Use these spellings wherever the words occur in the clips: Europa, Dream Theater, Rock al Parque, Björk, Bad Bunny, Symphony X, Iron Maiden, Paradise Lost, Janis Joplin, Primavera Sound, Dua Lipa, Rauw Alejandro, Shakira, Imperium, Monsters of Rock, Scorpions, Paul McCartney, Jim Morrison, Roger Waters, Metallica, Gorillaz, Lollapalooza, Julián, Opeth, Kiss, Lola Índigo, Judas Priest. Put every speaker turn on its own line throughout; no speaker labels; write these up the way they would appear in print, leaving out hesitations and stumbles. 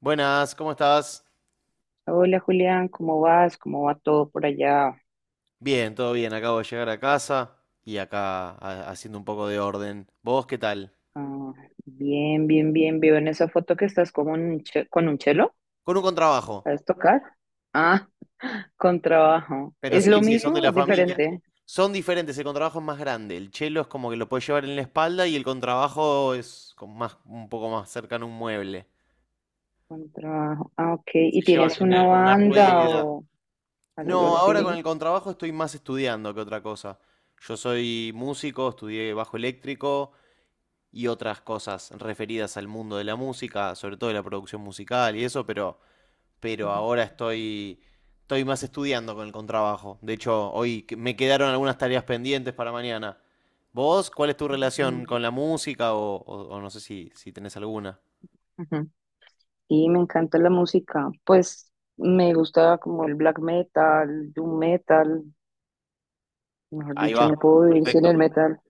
Buenas, ¿cómo estás?
Hola Julián, ¿cómo vas? ¿Cómo va todo por allá?
Bien, todo bien. Acabo de llegar a casa y acá haciendo un poco de orden. ¿Vos qué tal?
Ah, bien, bien, bien. Veo en esa foto que estás como un con un chelo.
Con un contrabajo.
¿Sabes tocar? Ah, con trabajo.
Pero
¿Es lo
sí, sí, son de
mismo?
la
¿Es
familia.
diferente?
Son diferentes, el contrabajo es más grande. El chelo es como que lo puedes llevar en la espalda y el contrabajo es con más, un poco más cercano a un mueble.
Con trabajo. Ah, ok.
Se
¿Y
Sí, lleva
tienes
tiene
una
generalmente con una
banda
rueda.
o algo
No, ahora con
así?
sí, el contrabajo estoy más estudiando que otra cosa. Yo soy músico, estudié bajo eléctrico y otras cosas referidas al mundo de la música, sobre todo de la producción musical y eso, pero ahora estoy más estudiando con el contrabajo. De hecho, hoy me quedaron algunas tareas pendientes para mañana. ¿Vos cuál es tu
Mm,
relación con la música o no sé si tenés alguna?
ujú. Y me encanta la música. Pues me gusta como el black metal, doom metal. Mejor
Ahí
dicho,
va,
no puedo vivir sin
perfecto,
el metal.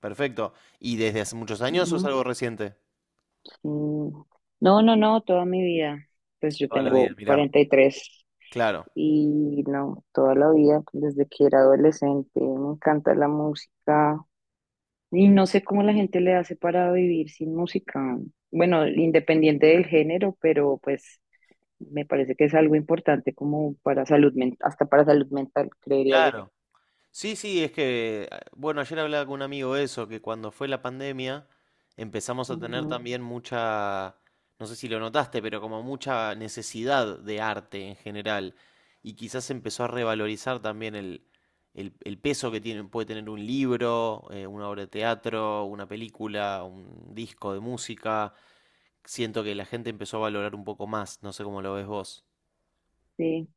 perfecto. ¿Y desde hace muchos años o es algo reciente?
Mm, No, no, no, toda mi vida. Pues yo
Toda la vida,
tengo
mirá,
43
claro.
y tres y no, toda la vida, desde que era adolescente, me encanta la música y no sé cómo la gente le hace para vivir sin música. Bueno, independiente del género, pero pues me parece que es algo importante como para salud mental, hasta para salud mental, creería yo.
Claro. Sí, sí, es que, bueno, ayer hablaba con un amigo de eso, que cuando fue la pandemia empezamos a tener Ujú.
Ujú,
También mucha, no sé si lo notaste, pero como mucha necesidad de arte en general. Y quizás empezó a revalorizar también el peso que tiene, puede tener un libro, una obra de teatro, una película, un disco de música. Siento que la gente empezó a valorar un poco más, no sé cómo lo ves vos.
sí.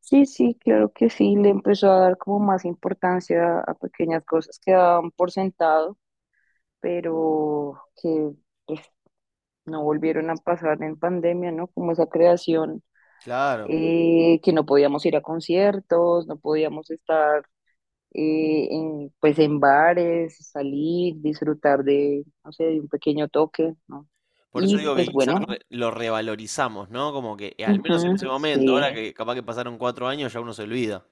Sí, sí, claro que sí, le empezó a dar como más importancia a pequeñas cosas que daban por sentado pero que pues, no volvieron a pasar en pandemia, ¿no? Como esa creación,
Claro.
que no podíamos ir a conciertos, no podíamos estar en, pues en bares, salir, disfrutar de, no sé, de un pequeño toque, ¿no?
Por eso
Y
digo que
pues
quizás
bueno,
lo revalorizamos, ¿no? Como que al menos en
ujú,
ese momento, ahora
sí.
que capaz que pasaron 4 años, ya uno se olvida.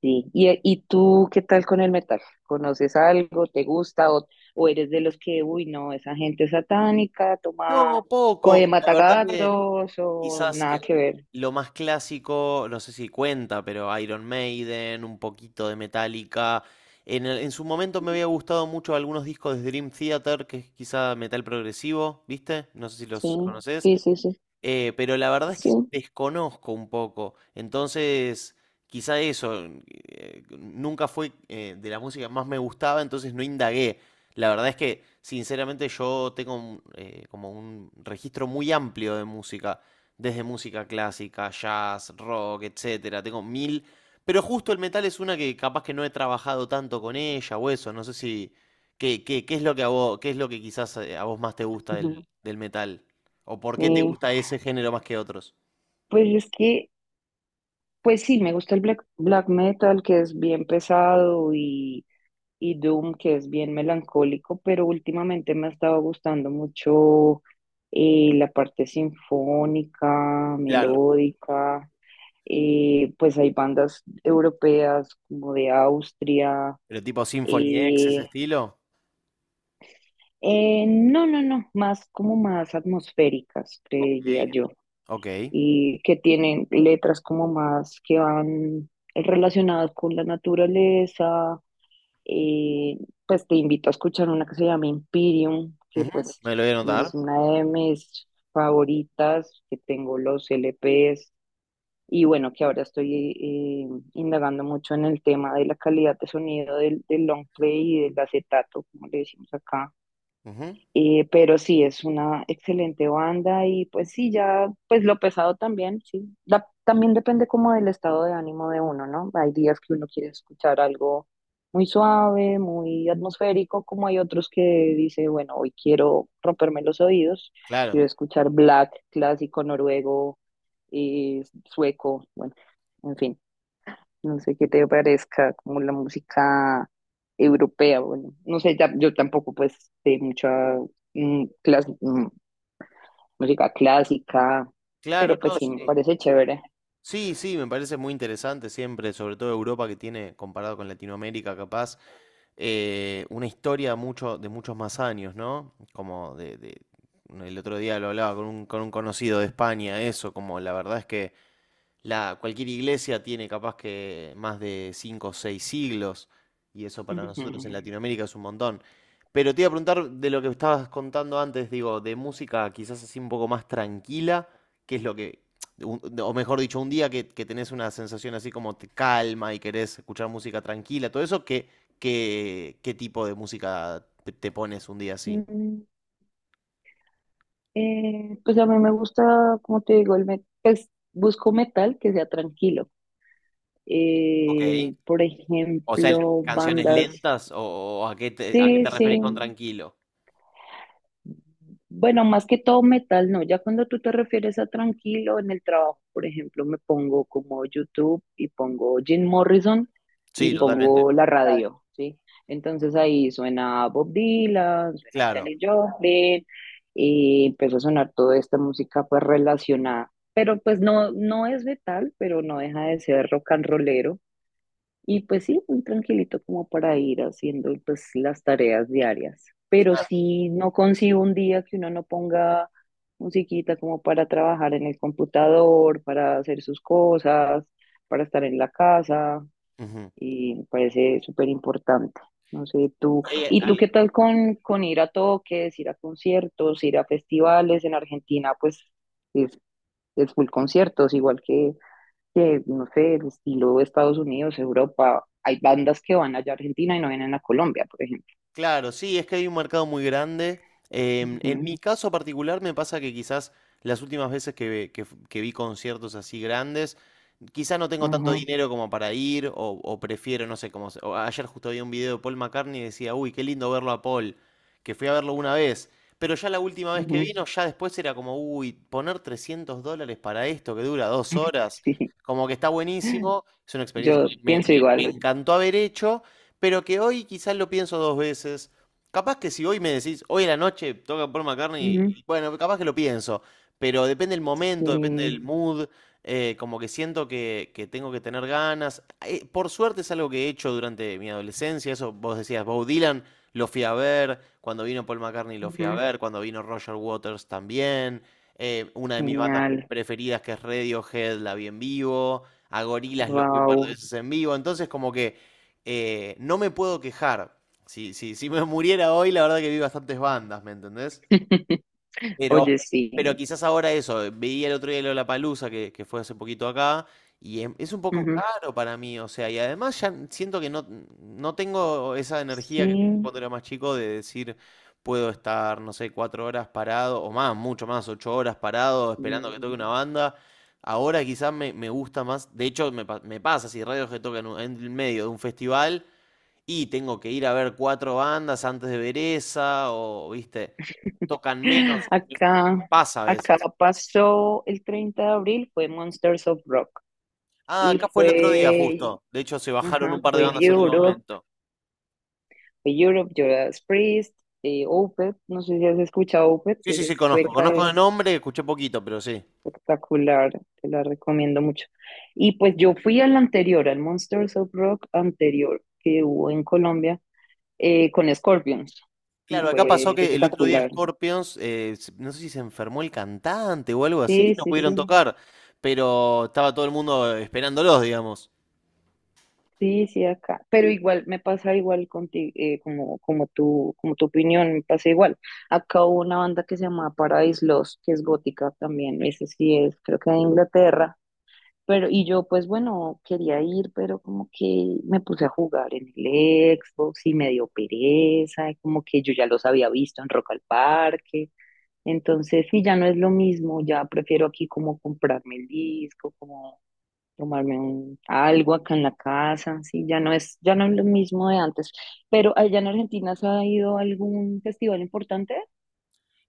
Sí, ¿y, y tú qué tal con el metal? ¿Conoces algo? ¿Te gusta? O eres de los que, uy, no, esa gente es satánica, toma,
No,
coge
poco. La verdad que
matagatos o
quizás
nada que ver?
lo más clásico, no sé si cuenta, pero Iron Maiden, un poquito de Metallica. En su momento me había gustado mucho algunos discos de Dream Theater, que es quizá metal progresivo, ¿viste? No sé si
Sí,
los conoces.
sí, sí, sí,
Pero la verdad es que
sí,
desconozco un poco. Entonces, quizá eso, nunca fue de la música más me gustaba, entonces no indagué. La verdad es que, sinceramente, yo tengo un, como un registro muy amplio de música, desde música clásica, jazz, rock, etcétera. Tengo mil, pero justo el metal es una que capaz que no he trabajado tanto con ella o eso. No sé si, ¿qué, qué es lo que a vos, qué es lo que quizás a vos más te gusta del,
ujú,
del metal? ¿O por qué te
sí.
gusta ese género más que otros?
Pues es que, pues sí, me gusta el black, black metal, que es bien pesado, y Doom, que es bien melancólico, pero últimamente me ha estado gustando mucho la parte sinfónica,
Claro.
melódica. Pues hay bandas europeas como de Austria,
¿Pero tipo Symphony X, ese
eh,
estilo?
no, no, no, más como más atmosféricas,
Sí.
creería yo,
Ok.
y que tienen letras como más que van relacionadas con la naturaleza, eh, pues te invito a escuchar una que se llama Imperium, que
Ujú,
pues
me lo voy a anotar.
es una de mis favoritas, que tengo los LPs y bueno, que ahora estoy indagando mucho en el tema de la calidad de sonido del long play y del acetato, como le decimos acá,
Ujú,
pero sí, es una excelente banda y pues sí, ya, pues lo pesado también, sí. También depende como del estado de ánimo de uno, ¿no? Hay días que uno quiere escuchar algo muy suave, muy atmosférico, como hay otros que dice, bueno, hoy quiero romperme los oídos,
claro.
quiero escuchar black, clásico, noruego, sueco, bueno, en fin. No sé qué te parezca como la música europea, bueno, no sé, yo tampoco pues sé mucha mm, clas- mm, música clásica,
Claro,
pero pues
no,
sí, me
sí.
parece chévere.
Sí, sí, me parece muy interesante siempre, sobre todo Europa que tiene, comparado con Latinoamérica, capaz, una historia mucho, de muchos más años, ¿no? El otro día lo hablaba con un conocido de España, eso, como la verdad es que la, cualquier iglesia tiene capaz que más de 5 o 6 siglos, y eso para nosotros en
Ujú.
Latinoamérica es un montón. Pero te iba a preguntar de lo que estabas contando antes, digo, de música quizás así un poco más tranquila, que es lo que, o mejor dicho, un día que tenés una sensación así como te calma y querés escuchar música tranquila, todo eso, ¿qué, qué tipo de música te, te pones un día así?
Mm, pues a mí me gusta, como te digo, el pues busco metal que sea tranquilo. Por
O sea,
ejemplo,
canciones
bandas,
lentas o a qué
sí,
te referís con
sí.
tranquilo.
Bueno, más que todo metal, no. Ya cuando tú te refieres a tranquilo en el trabajo, por ejemplo, me pongo como YouTube y pongo Jim Morrison y
Sí, totalmente.
pongo la radio, ¿sí? Entonces ahí suena Bob Dylan, suena
Claro.
Janis Joplin y empezó a sonar toda esta música pues relacionada. Pero pues no, no es metal, pero no deja de ser rock and rollero. Y pues sí, muy tranquilito como para ir haciendo pues las tareas diarias. Pero sí, no consigo un día que uno no ponga musiquita como para trabajar en el computador, para hacer sus cosas, para estar en la casa.
Ujú.
Y me parece súper importante. No sé, tú.
Eh,
¿Y tú
al-
qué tal con ir a toques, ir a conciertos, ir a festivales? En Argentina, pues es, es full conciertos, igual que no sé, el estilo de Estados Unidos, Europa, hay bandas que van allá a Argentina y no vienen a Colombia, por ejemplo.
claro, sí, es que hay un mercado muy grande. En
Ujú,
mi caso particular me pasa que quizás las últimas veces que, ve- que- f- que vi conciertos así grandes, quizás no tengo tanto Ujú.
ajá,
Dinero como para ir o prefiero, no sé, como o ayer justo vi un video de Paul McCartney y decía, uy, qué lindo verlo a Paul, que fui a verlo una vez, pero ya la última vez que
ujú,
vino, ya después era como, uy, poner $300 para esto que dura 2 horas,
sí,
como que está buenísimo, es una experiencia
yo
que me
pienso
me
igual.
encantó haber hecho. Pero que hoy quizás lo pienso dos veces. Capaz que si hoy me decís, hoy en la noche toca Paul
Ujú,
McCartney, bueno, capaz que lo pienso, pero depende del momento, depende del
sí,
mood, como que siento que tengo que tener ganas. Por suerte es algo que he hecho durante mi adolescencia, eso vos decías, Bob Dylan lo fui a ver, cuando vino Paul McCartney lo fui a
ujú,
ver, cuando vino Roger Waters también, una de mis bandas
genial,
preferidas que es Radiohead la vi en vivo, a Gorillaz los vi un par de
wow.
veces en vivo, entonces como que no me puedo quejar. Si me muriera hoy, la verdad que vi bastantes bandas, ¿me entendés? Pero,
Oye, sí.
pero quizás ahora eso, veía el otro día La Palusa que fue hace poquito acá, y es un poco
Ujú,
caro para mí, o sea, y además ya siento que no tengo esa energía que tenía
sí.
cuando era más chico de decir, puedo estar, no sé, 4 horas parado, o más, mucho más, 8 horas parado, esperando que toque
Sí.
una banda. Ahora quizás me gusta más, de hecho me pasa, si radios que tocan en el medio de un festival, y tengo que ir a ver cuatro bandas antes de ver esa, o viste, tocan menos,
Acá,
pasa a veces.
acá pasó el 30 de abril, fue Monsters of Rock
Ah,
y
acá fue el otro día
fue,
justo. De hecho, se bajaron un
ajá,
par de
fue
bandas en último
Europe
momento.
Judas Priest, Opeth, no sé si has escuchado Opeth,
Sí,
que
sí, sí,
es
conozco.
sueca,
Conozco de
es
nombre, escuché poquito, pero sí.
espectacular, te la recomiendo mucho. Y pues yo fui al anterior, al Monsters of Rock anterior que hubo en Colombia con Scorpions y
Claro, acá
fue
pasó que el otro día
espectacular.
Scorpions, no sé si se enfermó el cantante o algo así,
Sí,
no
sí,
pudieron
sí,
tocar, pero estaba todo el mundo esperándolos, digamos.
sí, sí, acá. Pero igual me pasa igual contigo, como tu opinión, me pasa igual. Acá hubo una banda que se llama Paradise Lost, que es gótica también, esa sí es, creo que de Inglaterra. Pero, y yo pues bueno, quería ir, pero como que me puse a jugar en el Xbox y me dio pereza, y como que yo ya los había visto en Rock al Parque. Entonces, sí, ya no es lo mismo, ya prefiero aquí como comprarme el disco, como tomarme algo acá en la casa, sí, ya no es lo mismo de antes. Pero allá en Argentina, ¿se ha ido a algún festival importante?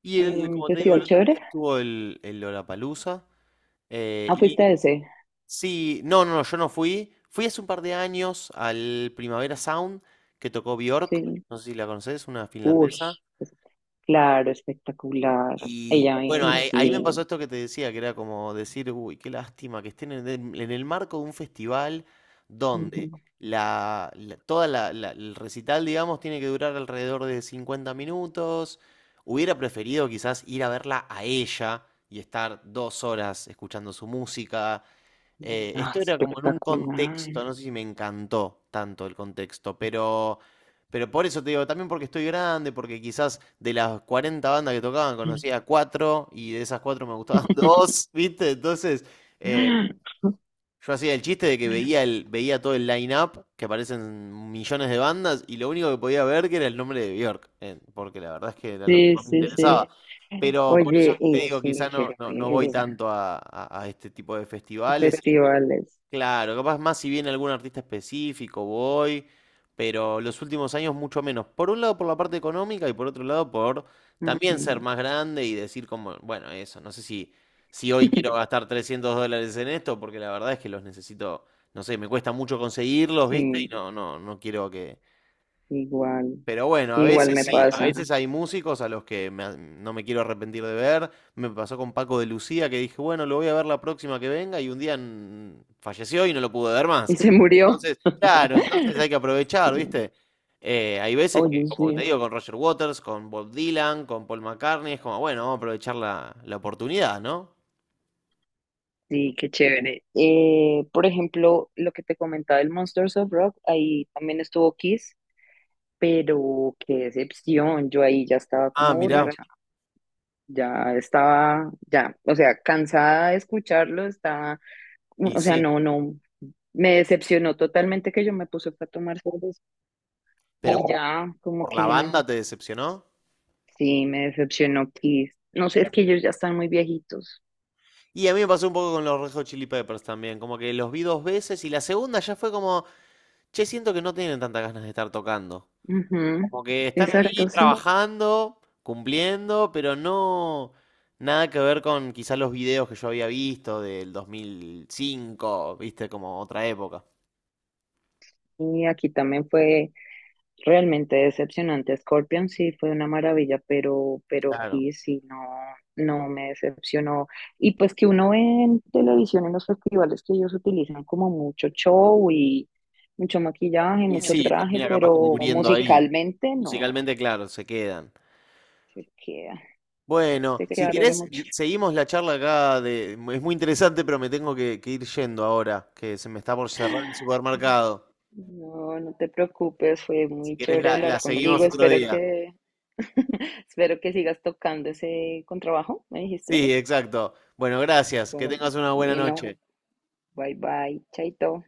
Y el,
¿Algún
como te digo, el
festival
otro día
chévere?
estuvo el Lollapalooza, eh,
Ah,
y
fuiste a ese,
sí, no, no, no, yo no fui. Fui hace un par de años al Primavera Sound que tocó Björk,
sí.
no sé si la conoces, una
Uy,
finlandesa.
es- claro, espectacular.
Y
Ella me,
bueno,
uy,
ahí me
sí.
pasó esto que te decía, que era como decir, uy, qué lástima que estén en el marco de un festival donde
Ujú.
el recital, digamos, tiene que durar alrededor de 50 minutos. Hubiera preferido quizás ir a verla a ella y estar 2 horas escuchando su música
Ah,
esto era como en un contexto, no
espectacular.
sé si me encantó tanto el contexto, pero por eso te digo, también porque estoy grande, porque quizás de las 40 bandas que tocaban conocía cuatro y de esas cuatro me gustaban dos, ¿viste? Entonces, eh, yo hacía el chiste de que veía, veía todo el line-up, que aparecen millones de bandas, y lo único que podía ver que era el nombre de Björk, porque la verdad es que era lo que
Sí,
más me
sí, sí.
interesaba. Pero por eso
Oye,
te
y
digo,
sí,
quizás
qué
no, no, no voy
pereza.
tanto a, a este tipo de festivales.
Festivales.
Claro, capaz más si viene algún artista específico, voy, pero los últimos años mucho menos. Por un lado por la parte económica y por otro lado por también
Ujú,
ser más grande y decir como, bueno, eso, no sé si hoy quiero gastar $300 en esto, porque la verdad es que los necesito, no sé, me cuesta mucho conseguirlos, ¿viste? Y
sí,
no, no, no quiero que,
igual.
pero bueno, a
Igual
veces
me
sí, a
pasa.
veces hay músicos a los que no me quiero arrepentir de ver. Me pasó con Paco de Lucía que dije, bueno, lo voy a ver la próxima que venga y un día falleció y no lo pude ver más.
Y se murió.
Entonces, claro, entonces hay que
Sí.
aprovechar, ¿viste? Hay veces que,
Oye,
como te
sí.
digo, con Roger Waters, con Bob Dylan, con Paul McCartney, es como, bueno, vamos a aprovechar la oportunidad, ¿no?
Sí, qué chévere. Por ejemplo, lo que te comentaba el Monsters of Rock, ahí también estuvo Kiss. Pero qué decepción, yo ahí ya estaba
Ah,
como
mirá,
borracha, ya estaba, ya, o sea, cansada de escucharlo, estaba,
y
o sea,
sí,
no, no, me decepcionó totalmente que yo me puse fue a tomar cerveza y
pero por,
ya, como
por
que
la
no,
banda te decepcionó.
sí, me decepcionó Kiss. No sé, es que ellos ya están muy viejitos.
Y a mí me pasó un poco con los Red Hot Chili Peppers también, como que los vi dos veces y la segunda ya fue como... Che, siento que no tienen tantas ganas de estar tocando.
Ujú,
Como que están ahí
exacto, sí.
trabajando, cumpliendo, pero no nada que ver con quizás los videos que yo había visto del 2005, viste, como otra época.
Y aquí también fue realmente decepcionante. Scorpion sí fue una maravilla, pero
Claro.
Kiss sí no, no me decepcionó. Y pues que uno ve en televisión en los festivales que ellos utilizan como mucho show y mucho maquillaje,
Y
mucho
sí,
traje,
termina capaz que
pero
muriendo ahí.
musicalmente no,
Musicalmente, claro, se quedan.
se queda,
Bueno,
se
si
quedaron
querés,
mucho.
seguimos la charla acá. De... Es muy interesante, pero me tengo que ir yendo ahora, que se me está por cerrar el supermercado.
No, no te preocupes, fue
Si
muy
querés,
chévere
la
hablar contigo.
seguimos otro
Espero
día.
que, espero que sigas tocando ese contrabajo, me dijiste.
Sí, exacto. Bueno, gracias. Que tengas una buena
Bueno,
noche.
bye bye, chaito.